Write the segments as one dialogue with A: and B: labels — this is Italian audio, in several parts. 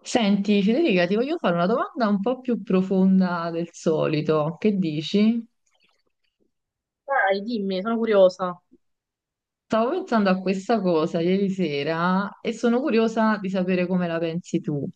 A: Senti, Federica, ti voglio fare una domanda un po' più profonda del solito. Che dici?
B: Dai, dimmi, sono curiosa.
A: Stavo pensando a questa cosa ieri sera e sono curiosa di sapere come la pensi tu.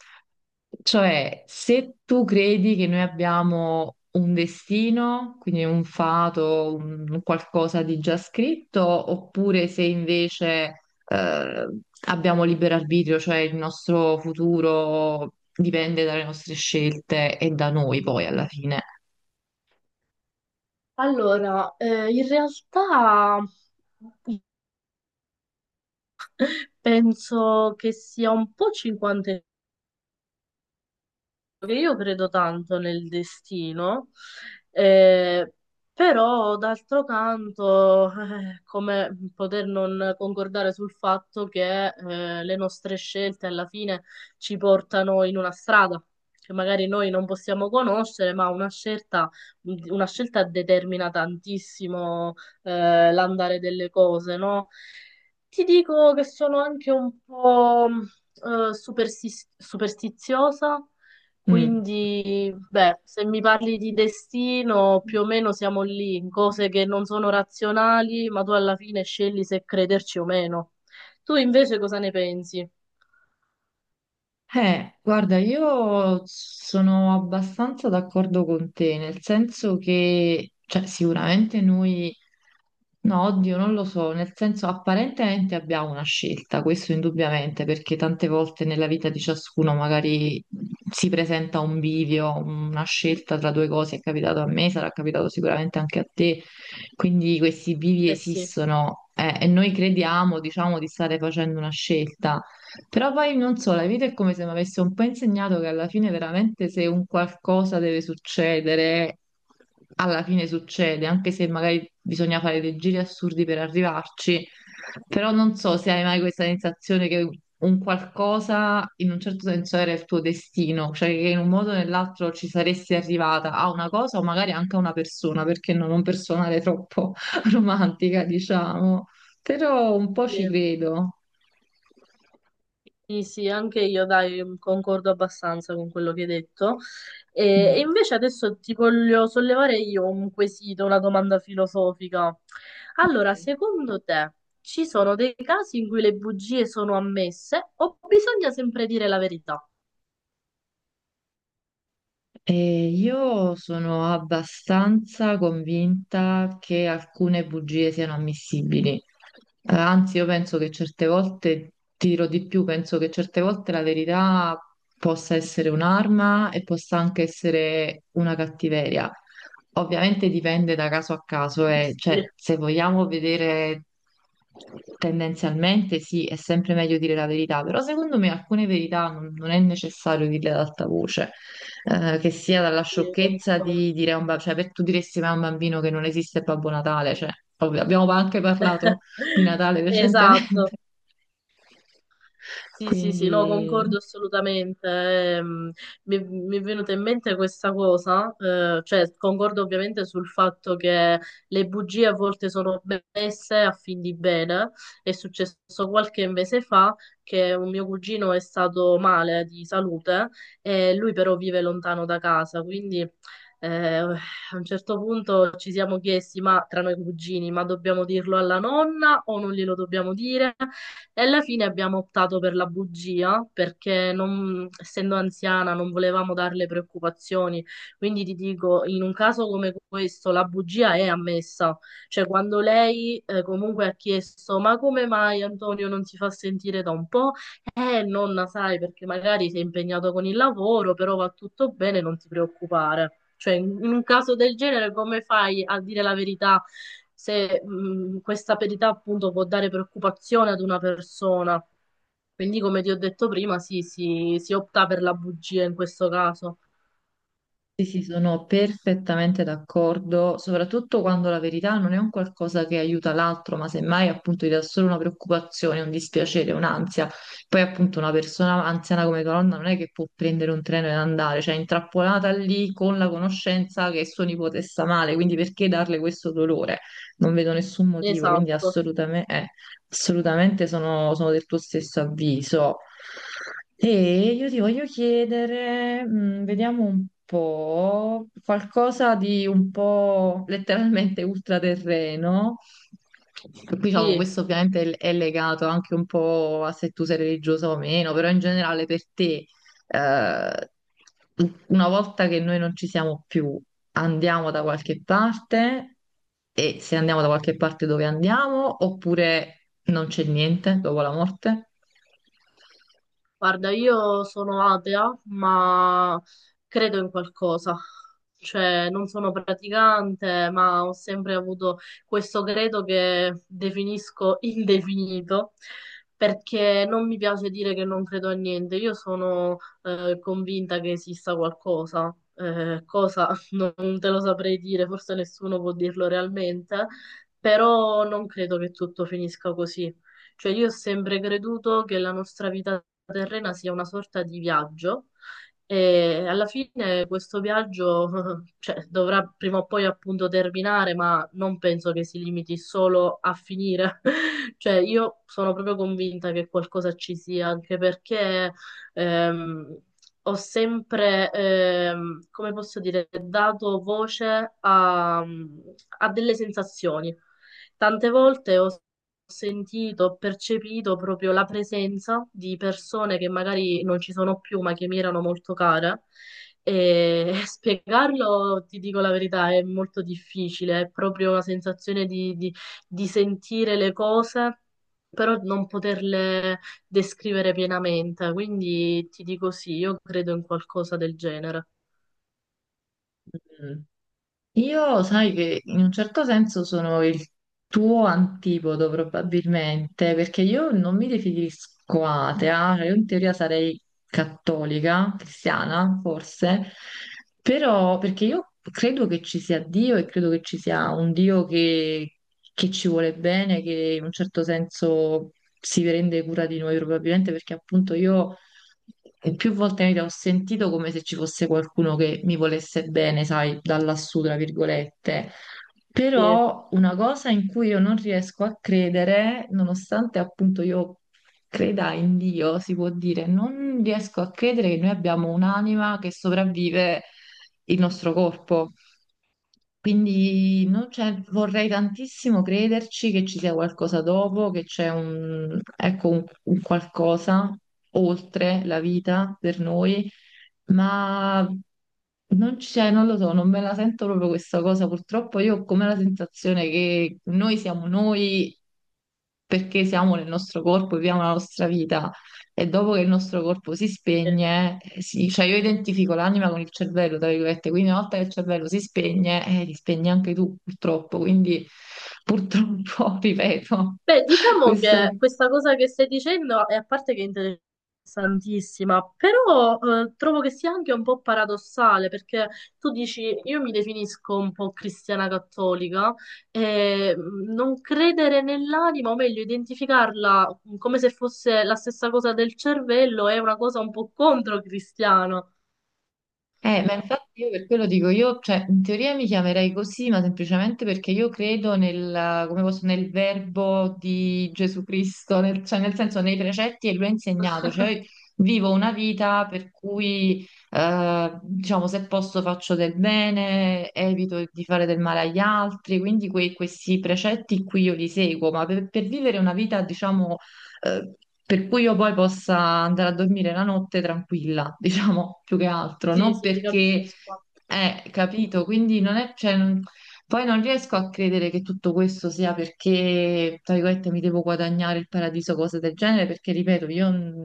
A: Cioè, se tu credi che noi abbiamo un destino, quindi un fato, un qualcosa di già scritto, oppure se invece abbiamo libero arbitrio, cioè il nostro futuro dipende dalle nostre scelte e da noi poi alla fine.
B: Allora, in realtà penso che sia un po' 50 e che io credo tanto nel destino, eh, però d'altro canto, come poter non concordare sul fatto che le nostre scelte alla fine ci portano in una strada che magari noi non possiamo conoscere, ma una scelta determina tantissimo, l'andare delle cose, no? Ti dico che sono anche un po' superstiziosa,
A: Mm.
B: quindi beh, se mi parli di destino, più o meno siamo lì, in cose che non sono razionali, ma tu alla fine scegli se crederci o meno. Tu invece cosa ne pensi?
A: Guarda, io sono abbastanza d'accordo con te, nel senso che, cioè, sicuramente noi, no, oddio, non lo so, nel senso apparentemente abbiamo una scelta, questo indubbiamente, perché tante volte nella vita di ciascuno magari si presenta un bivio, una scelta tra due cose, è capitato a me, sarà capitato sicuramente anche a te, quindi questi bivi
B: Eh sì,
A: esistono, e noi crediamo, diciamo, di stare facendo una scelta. Però poi non so, la vita è come se mi avesse un po' insegnato che alla fine veramente se un qualcosa deve succedere, alla fine succede, anche se magari bisogna fare dei giri assurdi per arrivarci. Però non so se hai mai questa sensazione che un qualcosa in un certo senso era il tuo destino, cioè che in un modo o nell'altro ci saresti arrivata a una cosa o magari anche a una persona, perché non un personale troppo romantica, diciamo. Però un po' ci
B: sì.
A: credo.
B: Sì, sì, anche io, dai, concordo abbastanza con quello che hai detto. E, e
A: Mm.
B: invece adesso ti voglio sollevare io un quesito, una domanda filosofica.
A: Ok.
B: Allora, secondo te ci sono dei casi in cui le bugie sono ammesse o bisogna sempre dire la verità?
A: E io sono abbastanza convinta che alcune bugie siano ammissibili. Anzi, io penso che certe volte, ti dirò di più, penso che certe volte la verità possa essere un'arma e possa anche essere una cattiveria. Ovviamente dipende da caso a caso, e
B: Sì,
A: cioè, se vogliamo vedere. Tendenzialmente sì, è sempre meglio dire la verità, però secondo me alcune verità non è necessario dirle ad alta voce, che sia dalla
B: sì,
A: sciocchezza
B: concordo.
A: di dire a un bambino, cioè per tu diresti mai a un bambino che non esiste Babbo Natale, cioè, ovvio, abbiamo anche parlato di Natale
B: Esatto.
A: recentemente,
B: Sì, sì, sì, no,
A: quindi
B: concordo assolutamente. Mi è venuta in mente questa cosa, cioè concordo ovviamente sul fatto che le bugie a volte sono messe a fin di bene. È successo qualche mese fa che un mio cugino è stato male di salute e lui però vive lontano da casa, quindi a un certo punto ci siamo chiesti, ma tra noi cugini, ma dobbiamo dirlo alla nonna o non glielo dobbiamo dire? E alla fine abbiamo optato per la bugia perché essendo anziana non volevamo darle preoccupazioni. Quindi ti dico, in un caso come questo la bugia è ammessa. Cioè quando lei comunque ha chiesto ma come mai Antonio non si fa sentire da un po'? Nonna, sai, perché magari sei impegnato con il lavoro, però va tutto bene, non ti preoccupare. Cioè, in un caso del genere, come fai a dire la verità se questa verità appunto può dare preoccupazione ad una persona? Quindi, come ti ho detto prima, sì, sì, si opta per la bugia in questo caso.
A: sì, sì, sono perfettamente d'accordo, soprattutto quando la verità non è un qualcosa che aiuta l'altro, ma semmai appunto ti dà solo una preoccupazione, un dispiacere, un'ansia. Poi appunto una persona anziana come tua nonna non è che può prendere un treno ed andare, cioè è intrappolata lì con la conoscenza che suo nipote sta male, quindi perché darle questo dolore? Non vedo nessun motivo, quindi
B: Esatto,
A: assolutamente, assolutamente sono del tuo stesso avviso. E io ti voglio chiedere, mm, vediamo un po', qualcosa di un po' letteralmente ultraterreno. Diciamo,
B: sì.
A: questo ovviamente è legato anche un po' a se tu sei religioso o meno, però in generale per te, eh, una volta che noi non ci siamo più, andiamo da qualche parte e se andiamo da qualche parte dove andiamo oppure non c'è niente dopo la morte?
B: Guarda, io sono atea, ma credo in qualcosa. Cioè, non sono praticante, ma ho sempre avuto questo credo che definisco indefinito, perché non mi piace dire che non credo a niente. Io sono convinta che esista qualcosa. Cosa non te lo saprei dire, forse nessuno può dirlo realmente, però non credo che tutto finisca così. Cioè io ho sempre creduto che la nostra vita terrena sia una sorta di viaggio e alla fine questo viaggio, cioè, dovrà prima o poi appunto terminare, ma non penso che si limiti solo a finire. Cioè io sono proprio convinta che qualcosa ci sia, anche perché ehm, ho sempre, come posso dire, dato voce a delle sensazioni. Tante volte ho sentito, ho percepito proprio la presenza di persone che magari non ci sono più, ma che mi erano molto care. E spiegarlo, ti dico la verità, è molto difficile, è proprio una sensazione di sentire le cose, però non poterle descrivere pienamente. Quindi ti dico sì, io credo in qualcosa del genere.
A: Mm. Io sai che in un certo senso sono il tuo antipodo probabilmente, perché io non mi definisco atea, cioè io in teoria sarei cattolica, cristiana forse, però perché io credo che ci sia Dio e credo che ci sia un Dio che ci vuole bene, che in un certo senso si prende cura di noi probabilmente perché appunto io... E più volte nella vita ho sentito come se ci fosse qualcuno che mi volesse bene, sai, da lassù, tra virgolette.
B: Sì,
A: Però una cosa in cui io non riesco a credere, nonostante appunto io creda in Dio, si può dire, non riesco a credere che noi abbiamo un'anima che sopravvive il nostro corpo. Quindi non c'è- vorrei tantissimo crederci che ci sia qualcosa dopo, che c'è un, ecco, un qualcosa oltre la vita per noi, ma non c'è, non lo so, non me la sento proprio questa cosa. Purtroppo io ho come la sensazione che noi siamo noi perché siamo nel nostro corpo, viviamo la nostra vita e dopo che il nostro corpo si
B: sì.
A: spegne, si- cioè io identifico l'anima con il cervello, tra virgolette, quindi una volta che il cervello si spegne, ti spegni anche tu purtroppo, quindi purtroppo, ripeto,
B: Beh, diciamo
A: questo
B: che
A: è...
B: questa cosa che stai dicendo è a parte che è interessantissima, però trovo che sia anche un po' paradossale perché tu dici io mi definisco un po' cristiana cattolica e non credere nell'anima, o meglio, identificarla, come se fosse la stessa cosa del cervello è una cosa un po' controcristiana.
A: Ma infatti io per quello dico, io, cioè, in teoria mi chiamerei così, ma semplicemente perché io credo nel, come posso, nel verbo di Gesù Cristo, nel, cioè nel senso nei precetti che lui ha insegnato, cioè vivo una vita per cui, diciamo, se posso faccio del bene, evito di fare del male agli altri, quindi que- questi precetti qui io li seguo, ma per vivere una vita, diciamo eh, per cui io poi possa andare a dormire la notte tranquilla, diciamo, più che altro,
B: Sì,
A: non
B: sì, ti
A: perché
B: capisco.
A: è capito, quindi non è, cioè, non- poi non riesco a credere che tutto questo sia perché, tra virgolette, mi devo guadagnare il paradiso, cose del genere, perché, ripeto, io mm,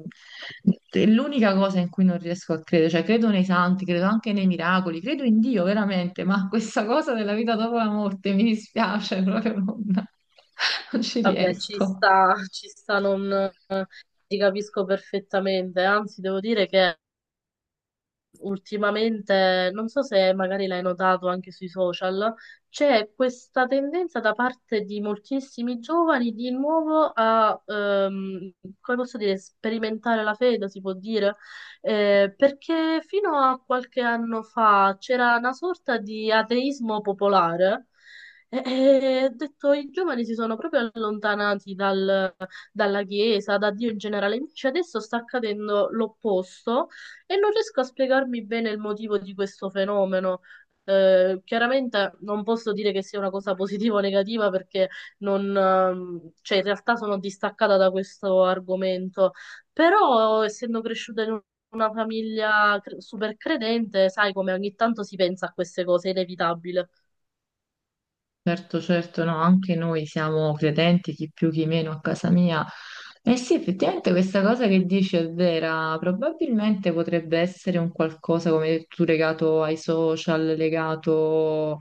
A: è l'unica cosa in cui non riesco a credere, cioè credo nei santi, credo anche nei miracoli, credo in Dio veramente, ma questa cosa della vita dopo la morte mi dispiace, proprio non non ci
B: Vabbè,
A: riesco.
B: ci sta non... eh, Ti capisco perfettamente, anzi devo dire che ultimamente, non so se magari l'hai notato anche sui social, c'è questa tendenza da parte di moltissimi giovani di nuovo a, come posso dire, sperimentare la fede, si può dire. Perché fino a qualche anno fa c'era una sorta di ateismo popolare. E ho detto, i giovani si sono proprio allontanati dalla Chiesa, da Dio in generale. Invece adesso sta accadendo l'opposto, e non riesco a spiegarmi bene il motivo di questo fenomeno. Chiaramente non posso dire che sia una cosa positiva o negativa perché non, cioè, in realtà sono distaccata da questo argomento, però essendo cresciuta in una famiglia super credente, sai come ogni tanto si pensa a queste cose, è inevitabile.
A: Certo, certo, no, anche noi siamo credenti, chi più chi meno a casa mia. Eh sì, effettivamente questa cosa che dici è vera, probabilmente potrebbe essere un qualcosa, come hai detto tu, legato ai social, legato,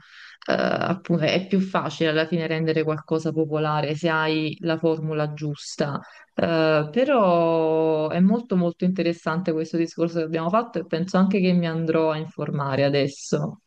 A: appunto, è più facile alla fine rendere qualcosa popolare se hai la formula giusta. Però è molto molto interessante questo discorso che abbiamo fatto e penso anche che mi andrò a informare adesso.